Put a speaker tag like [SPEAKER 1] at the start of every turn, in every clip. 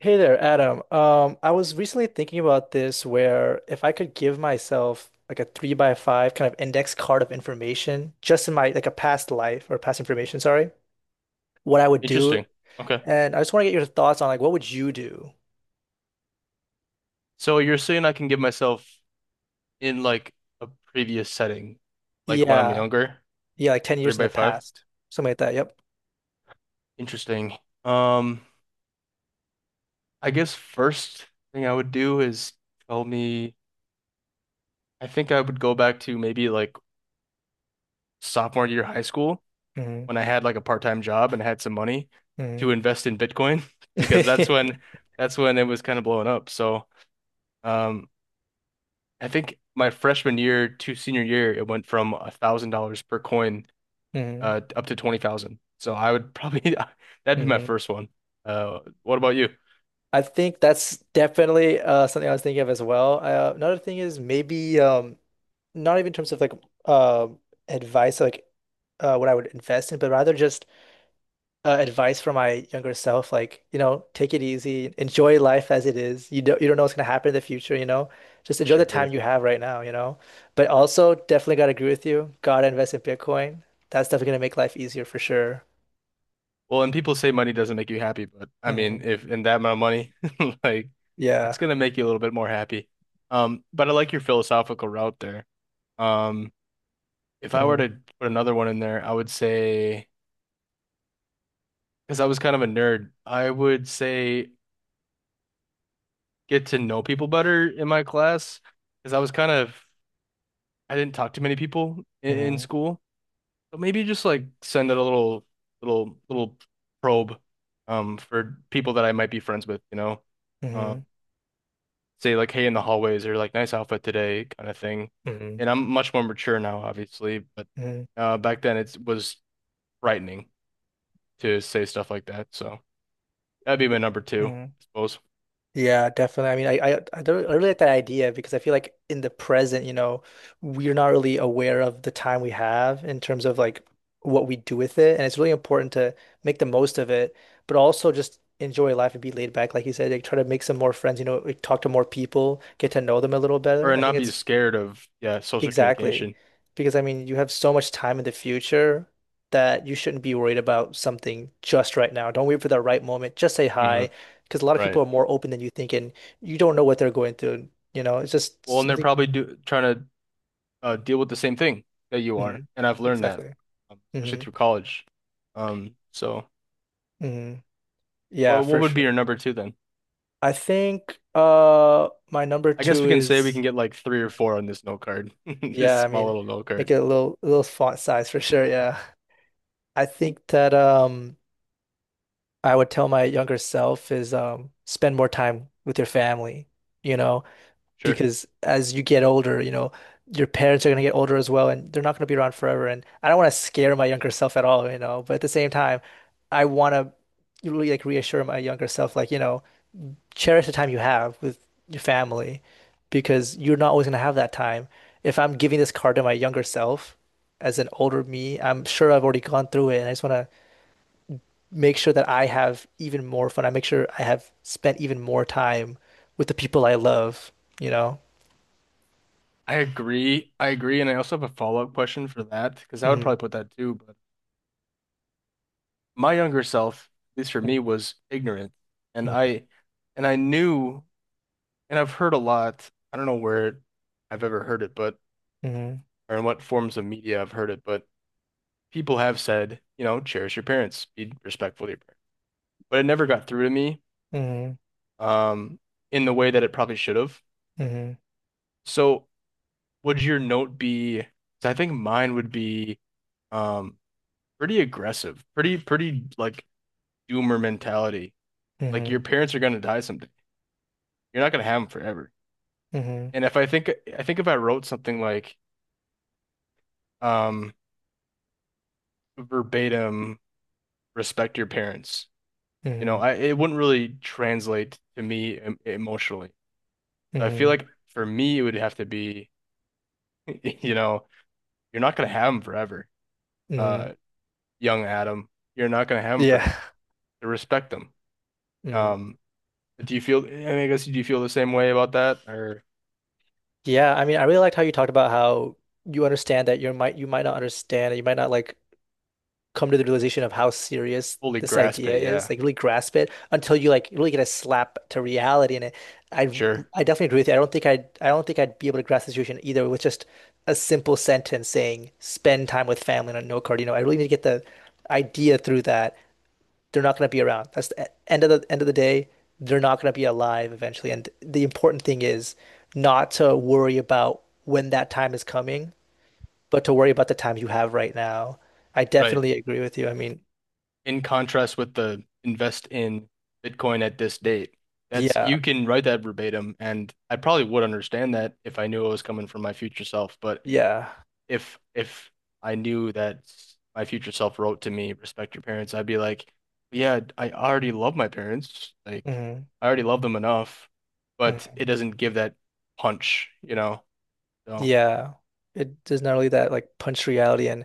[SPEAKER 1] Hey there, Adam. I was recently thinking about this where if I could give myself like a three by five kind of index card of information just in my like a past life or past information, sorry, what I would do.
[SPEAKER 2] Interesting. Okay.
[SPEAKER 1] And I just want to get your thoughts on like what would you do?
[SPEAKER 2] So you're saying I can give myself in like a previous setting, like when I'm
[SPEAKER 1] Yeah.
[SPEAKER 2] younger,
[SPEAKER 1] Yeah, like 10
[SPEAKER 2] three
[SPEAKER 1] years in
[SPEAKER 2] by
[SPEAKER 1] the
[SPEAKER 2] five.
[SPEAKER 1] past. Something like that. Yep.
[SPEAKER 2] Interesting. Um, I guess first thing I would do is tell me, I think I would go back to maybe like sophomore year high school
[SPEAKER 1] Hmm.
[SPEAKER 2] when I had like a part-time job and had some money
[SPEAKER 1] Hmm.
[SPEAKER 2] to invest in Bitcoin because that's when it was kind of blowing up. Um, I think my freshman year to senior year, it went from $1,000 per coin
[SPEAKER 1] hmm.
[SPEAKER 2] up to 20,000. So I would probably that'd be my
[SPEAKER 1] Hmm.
[SPEAKER 2] first one. Uh, what about you?
[SPEAKER 1] I think that's definitely something I was thinking of as well. Another thing is maybe not even in terms of like um advice, like what I would invest in, but rather just advice for my younger self. Like, you know, take it easy, enjoy life as it is. You don't know what's gonna happen in the future, you know. Just enjoy the
[SPEAKER 2] Sure.
[SPEAKER 1] time you have right now, you know. But also, definitely gotta agree with you. Gotta invest in Bitcoin. That's definitely gonna make life easier for sure.
[SPEAKER 2] Well, and people say money doesn't make you happy, but I mean,
[SPEAKER 1] Hmm.
[SPEAKER 2] if in that amount of money, like
[SPEAKER 1] Yeah.
[SPEAKER 2] that's gonna make you a little bit more happy. But I like your philosophical route there. Um, if I were to put another one in there, I would say because I was kind of a nerd, I would say get to know people better in my class because I was kind of I didn't talk to many people in
[SPEAKER 1] Mm,
[SPEAKER 2] school. But maybe just like send it a little probe for people that I might be friends with, you know.
[SPEAKER 1] mm,
[SPEAKER 2] Um, say like hey in the hallways or like nice outfit today kind of thing.
[SPEAKER 1] mm,
[SPEAKER 2] And I'm much more mature now, obviously, but
[SPEAKER 1] mm,
[SPEAKER 2] uh, back then it was frightening to say stuff like that. So that'd be my number two,
[SPEAKER 1] mm.
[SPEAKER 2] I suppose.
[SPEAKER 1] Yeah, definitely. I mean, I don't, I really like that idea because I feel like in the present, you know, we're not really aware of the time we have in terms of like what we do with it. And it's really important to make the most of it, but also just enjoy life and be laid back. Like you said, like try to make some more friends, you know, like, talk to more people, get to know them a little better.
[SPEAKER 2] Or
[SPEAKER 1] I think
[SPEAKER 2] not be
[SPEAKER 1] it's
[SPEAKER 2] scared of, yeah, social
[SPEAKER 1] exactly.
[SPEAKER 2] communication.
[SPEAKER 1] Because I mean, you have so much time in the future that you shouldn't be worried about something just right now. Don't wait for the right moment. Just say
[SPEAKER 2] Hmm.
[SPEAKER 1] hi. Because a lot of people
[SPEAKER 2] Right.
[SPEAKER 1] are more open than you think, and you don't know what they're going through. You know, it's just
[SPEAKER 2] Well, and they're
[SPEAKER 1] something.
[SPEAKER 2] probably do trying to deal with the same thing that you
[SPEAKER 1] Hmm.
[SPEAKER 2] are, and I've learned that,
[SPEAKER 1] Exactly.
[SPEAKER 2] especially
[SPEAKER 1] Hmm.
[SPEAKER 2] through college. So,
[SPEAKER 1] Hmm. Yeah,
[SPEAKER 2] well, what
[SPEAKER 1] for
[SPEAKER 2] would be your
[SPEAKER 1] sure.
[SPEAKER 2] number two then?
[SPEAKER 1] I think my number
[SPEAKER 2] I guess
[SPEAKER 1] two
[SPEAKER 2] we can say we
[SPEAKER 1] is
[SPEAKER 2] can get like three or four on this note card, this
[SPEAKER 1] yeah, I
[SPEAKER 2] small
[SPEAKER 1] mean,
[SPEAKER 2] little note
[SPEAKER 1] make
[SPEAKER 2] card.
[SPEAKER 1] it a little font size for sure. Yeah. I think that I would tell my younger self is spend more time with your family, you know,
[SPEAKER 2] Sure.
[SPEAKER 1] because as you get older, you know, your parents are going to get older as well, and they're not going to be around forever. And I don't want to scare my younger self at all, you know, but at the same time, I want to really like reassure my younger self, like, you know, cherish the time you have with your family because you're not always going to have that time. If I'm giving this card to my younger self as an older me, I'm sure I've already gone through it, and I just want to make sure that I have even more fun. I make sure I have spent even more time with the people I love, you know?
[SPEAKER 2] I agree. I agree, and I also have a follow-up question for that because I would
[SPEAKER 1] Mm,
[SPEAKER 2] probably put that too. But my younger self, at least for me, was ignorant, and
[SPEAKER 1] mm,
[SPEAKER 2] I, and I knew, and I've heard a lot. I don't know where I've ever heard it, but
[SPEAKER 1] mm,
[SPEAKER 2] or in what forms of media I've heard it, but people have said, you know, cherish your parents, be respectful to your parents. But it never got through to me,
[SPEAKER 1] mm,
[SPEAKER 2] um, in the way that it probably should have.
[SPEAKER 1] mm,
[SPEAKER 2] So would your note be, 'cause I think mine would be um, pretty aggressive, pretty like doomer mentality. Like
[SPEAKER 1] mm,
[SPEAKER 2] your parents are gonna die someday. You're not gonna have them forever.
[SPEAKER 1] mm, mm,
[SPEAKER 2] And if I think I think if I wrote something like um, verbatim, respect your parents, you know,
[SPEAKER 1] mm,
[SPEAKER 2] I it wouldn't really translate to me emotionally. I feel
[SPEAKER 1] mm,
[SPEAKER 2] like for me, it would have to be, you know, you're not gonna have him forever,
[SPEAKER 1] mm.
[SPEAKER 2] uh, young Adam. You're not gonna have him forever.
[SPEAKER 1] Yeah.
[SPEAKER 2] So respect him.
[SPEAKER 1] Mm.
[SPEAKER 2] Um, do you feel? I mean, I guess do you feel the same way about that, or
[SPEAKER 1] Yeah, I mean, I really liked how you talked about how you understand that you might not understand, you might not like come to the realization of how serious
[SPEAKER 2] fully
[SPEAKER 1] this
[SPEAKER 2] grasp
[SPEAKER 1] idea
[SPEAKER 2] it?
[SPEAKER 1] is,
[SPEAKER 2] Yeah,
[SPEAKER 1] like really grasp it until you like really get a slap to reality in it. I
[SPEAKER 2] sure,
[SPEAKER 1] I definitely agree with you. I don't think I'd be able to grasp the situation either with just a simple sentence saying spend time with family on a note card. You know, I really need to get the idea through that they're not going to be around. That's the end of the end of the day. They're not going to be alive eventually. And the important thing is not to worry about when that time is coming, but to worry about the time you have right now. I
[SPEAKER 2] right.
[SPEAKER 1] definitely agree with you. I mean,
[SPEAKER 2] In contrast with the invest in Bitcoin at this date, that's
[SPEAKER 1] yeah,
[SPEAKER 2] you can write that verbatim, and I probably would understand that if I knew it was coming from my future self. But
[SPEAKER 1] yeah.
[SPEAKER 2] if I knew that my future self wrote to me, respect your parents, I'd be like, yeah, I already love my parents. Like,
[SPEAKER 1] Hmm.
[SPEAKER 2] I already love them enough, but
[SPEAKER 1] Hmm.
[SPEAKER 2] it doesn't give that punch, you know? So,
[SPEAKER 1] Yeah. It does not really that like punch reality and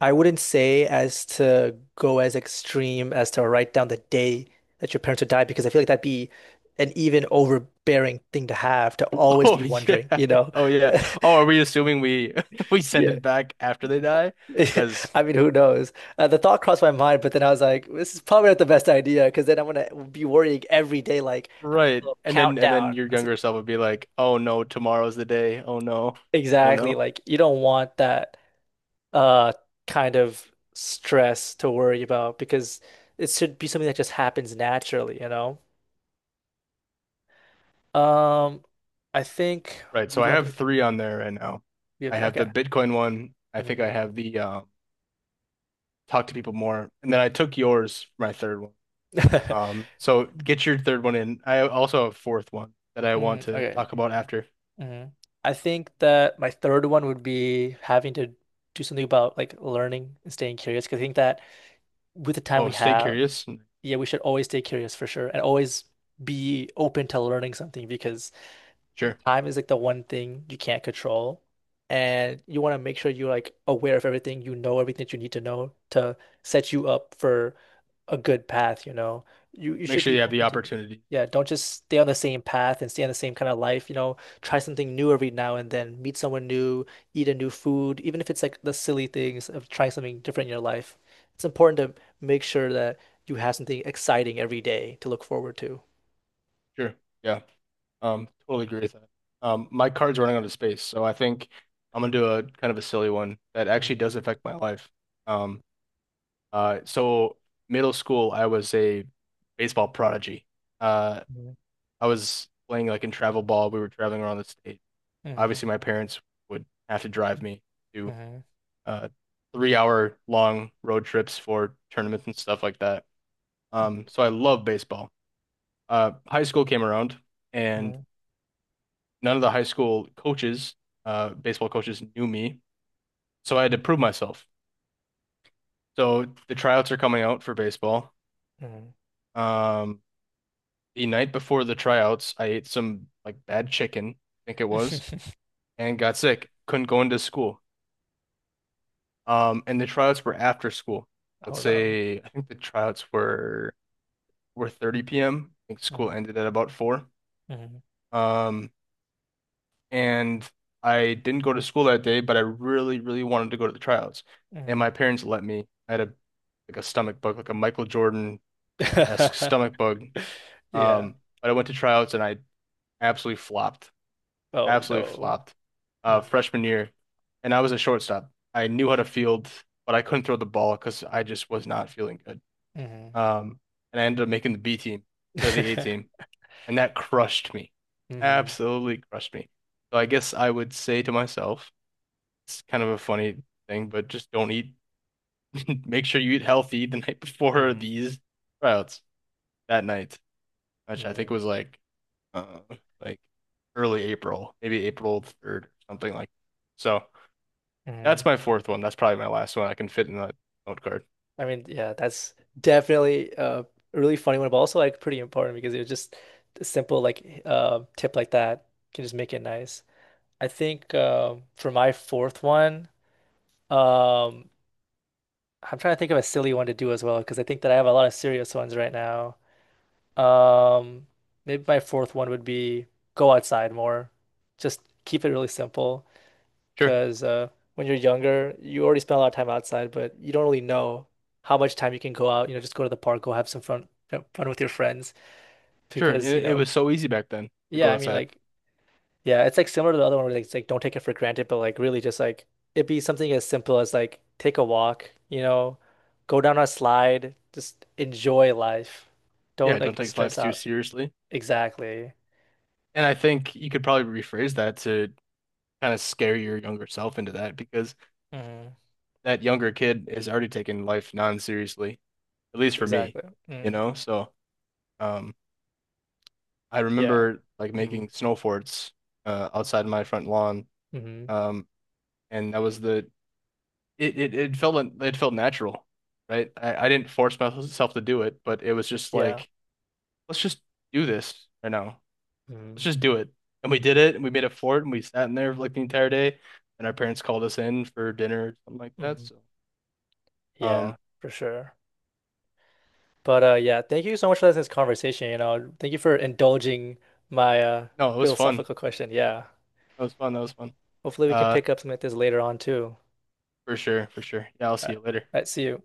[SPEAKER 1] I wouldn't say as to go as extreme as to write down the day that your parents would die because I feel like that'd be an even overbearing thing to have to always
[SPEAKER 2] oh
[SPEAKER 1] be wondering,
[SPEAKER 2] yeah,
[SPEAKER 1] you know?
[SPEAKER 2] oh yeah. Oh, are we assuming we we send
[SPEAKER 1] Yeah.
[SPEAKER 2] it back after they die? Because
[SPEAKER 1] I mean, who knows? The thought crossed my mind, but then I was like, this is probably not the best idea because then I'm gonna be worrying every day, like having a
[SPEAKER 2] right,
[SPEAKER 1] little
[SPEAKER 2] and then
[SPEAKER 1] countdown.
[SPEAKER 2] your
[SPEAKER 1] I was like,
[SPEAKER 2] younger self would be like, oh no, tomorrow's the day. Oh no, oh
[SPEAKER 1] exactly,
[SPEAKER 2] no.
[SPEAKER 1] like you don't want that. uh Kind of stress to worry about because it should be something that just happens naturally, you know? Um, I think
[SPEAKER 2] Right. So I
[SPEAKER 1] moving on to
[SPEAKER 2] have
[SPEAKER 1] like
[SPEAKER 2] three on there right now.
[SPEAKER 1] we have
[SPEAKER 2] I have the
[SPEAKER 1] okay.
[SPEAKER 2] Bitcoin one. I think
[SPEAKER 1] Mm.
[SPEAKER 2] I have the um, talk to people more. And then I took yours, my third one. So get your third one in. I also have a fourth one that I
[SPEAKER 1] Mm,
[SPEAKER 2] want to
[SPEAKER 1] okay.
[SPEAKER 2] talk about after.
[SPEAKER 1] Mm. I think that my third one would be having to do something about like learning and staying curious because I think that with the time
[SPEAKER 2] Oh,
[SPEAKER 1] we
[SPEAKER 2] stay
[SPEAKER 1] have,
[SPEAKER 2] curious.
[SPEAKER 1] yeah, we should always stay curious for sure and always be open to learning something because
[SPEAKER 2] Sure.
[SPEAKER 1] time is like the one thing you can't control, and you want to make sure you're like aware of everything, you know everything that you need to know to set you up for a good path, you know. You
[SPEAKER 2] Make
[SPEAKER 1] should
[SPEAKER 2] sure
[SPEAKER 1] be
[SPEAKER 2] you have the
[SPEAKER 1] open to things.
[SPEAKER 2] opportunity.
[SPEAKER 1] Yeah, don't just stay on the same path and stay on the same kind of life, you know. Try something new every now and then, meet someone new, eat a new food, even if it's like the silly things of trying something different in your life. It's important to make sure that you have something exciting every day to look forward to.
[SPEAKER 2] Sure. Yeah. Totally agree with that. My card's running out of space, so I think I'm gonna do a kind of a silly one that actually
[SPEAKER 1] Mhm,
[SPEAKER 2] does affect my life. Um, so middle school, I was a baseball prodigy. Uh,
[SPEAKER 1] mhm,
[SPEAKER 2] I was playing like in travel ball. We were traveling around the state.
[SPEAKER 1] mhm,
[SPEAKER 2] Obviously my parents would have to drive me to
[SPEAKER 1] mhm,
[SPEAKER 2] uh, 3 hour long road trips for tournaments and stuff like that.
[SPEAKER 1] mhm,
[SPEAKER 2] So I love baseball. High school came around, and
[SPEAKER 1] mhm.
[SPEAKER 2] none of the high school coaches, baseball coaches, knew me, so I had to prove myself. So the tryouts are coming out for baseball.
[SPEAKER 1] 음.
[SPEAKER 2] Um, the night before the tryouts, I ate some like bad chicken, I think it was, and got sick. Couldn't go into school. And the tryouts were after school.
[SPEAKER 1] Oh
[SPEAKER 2] Let's
[SPEAKER 1] no.
[SPEAKER 2] say I think the tryouts were 30 p.m. I think school
[SPEAKER 1] Mm,
[SPEAKER 2] ended at about four.
[SPEAKER 1] mm,
[SPEAKER 2] Um, and I didn't go to school that day, but I really, really wanted to go to the tryouts. And
[SPEAKER 1] mm.
[SPEAKER 2] my parents let me. I had a like a stomach bug, like a Michael Jordan-esque stomach bug.
[SPEAKER 1] Yeah.
[SPEAKER 2] Um, but I went to tryouts and I absolutely flopped.
[SPEAKER 1] Oh
[SPEAKER 2] Absolutely
[SPEAKER 1] no.
[SPEAKER 2] flopped.
[SPEAKER 1] Mm,
[SPEAKER 2] Freshman year, and I was a shortstop. I knew how to field, but I couldn't throw the ball because I just was not feeling good.
[SPEAKER 1] mm.
[SPEAKER 2] Um, and I ended up making the B team instead of the A team. And that crushed me.
[SPEAKER 1] Mhm,
[SPEAKER 2] Absolutely crushed me. So I guess I would say to myself, it's kind of a funny thing, but just don't eat. Make sure you eat healthy the night before
[SPEAKER 1] mhm,
[SPEAKER 2] these tryouts that night, which I think
[SPEAKER 1] mm,
[SPEAKER 2] was uh, like early April, maybe April 3rd or something like that. So that's
[SPEAKER 1] mhm.
[SPEAKER 2] my fourth one. That's probably my last one I can fit in that note card.
[SPEAKER 1] I mean, yeah, that's definitely a really funny one, but also like pretty important because it was just a simple like tip like that can just make it nice. I think for my fourth one, um, I'm trying to think of a silly one to do as well because I think that I have a lot of serious ones right now. Um, Maybe my fourth one would be go outside more. Just keep it really simple
[SPEAKER 2] Sure.
[SPEAKER 1] because when you're younger, you already spend a lot of time outside, but you don't really know how much time you can go out. You know, just go to the park, go have some fun, you know, fun with your friends.
[SPEAKER 2] Sure.
[SPEAKER 1] Because you
[SPEAKER 2] It
[SPEAKER 1] know,
[SPEAKER 2] was so easy back then to
[SPEAKER 1] yeah,
[SPEAKER 2] go
[SPEAKER 1] I mean,
[SPEAKER 2] outside.
[SPEAKER 1] like, yeah, it's like similar to the other one where like, it's like don't take it for granted, but like really just like it'd be something as simple as like take a walk, you know, go down a slide, just enjoy life.
[SPEAKER 2] Yeah,
[SPEAKER 1] Don't
[SPEAKER 2] don't
[SPEAKER 1] like
[SPEAKER 2] take
[SPEAKER 1] stress
[SPEAKER 2] life too
[SPEAKER 1] out.
[SPEAKER 2] seriously.
[SPEAKER 1] Exactly.
[SPEAKER 2] And I think you could probably rephrase that to kind of scare your younger self into that because
[SPEAKER 1] Hmm.
[SPEAKER 2] that younger kid is already taking life non-seriously, at least for me,
[SPEAKER 1] Exactly.
[SPEAKER 2] you
[SPEAKER 1] Mm.
[SPEAKER 2] know? So, um, I
[SPEAKER 1] Yeah.
[SPEAKER 2] remember like
[SPEAKER 1] Mm.
[SPEAKER 2] making snow forts outside my front lawn.
[SPEAKER 1] Hmm.
[SPEAKER 2] Um, and that was the, it felt, it felt natural, right? I didn't force myself to do it, but it was just
[SPEAKER 1] Yeah.
[SPEAKER 2] like, let's just do this right now. Let's
[SPEAKER 1] Mm.
[SPEAKER 2] just do it. And we did it and we made a fort and we sat in there for like the entire day and our parents called us in for dinner or something like that.
[SPEAKER 1] Hmm.
[SPEAKER 2] So
[SPEAKER 1] Yeah,
[SPEAKER 2] um,
[SPEAKER 1] for sure. But yeah, thank you so much for this conversation, you know. Thank you for indulging my
[SPEAKER 2] no, it was fun.
[SPEAKER 1] philosophical question. Yeah.
[SPEAKER 2] That was fun. That was fun.
[SPEAKER 1] Hopefully we can
[SPEAKER 2] Uh,
[SPEAKER 1] pick up some of this later on too.
[SPEAKER 2] for sure, for sure. Yeah, I'll
[SPEAKER 1] All
[SPEAKER 2] see
[SPEAKER 1] right.
[SPEAKER 2] you
[SPEAKER 1] All
[SPEAKER 2] later.
[SPEAKER 1] right, see you.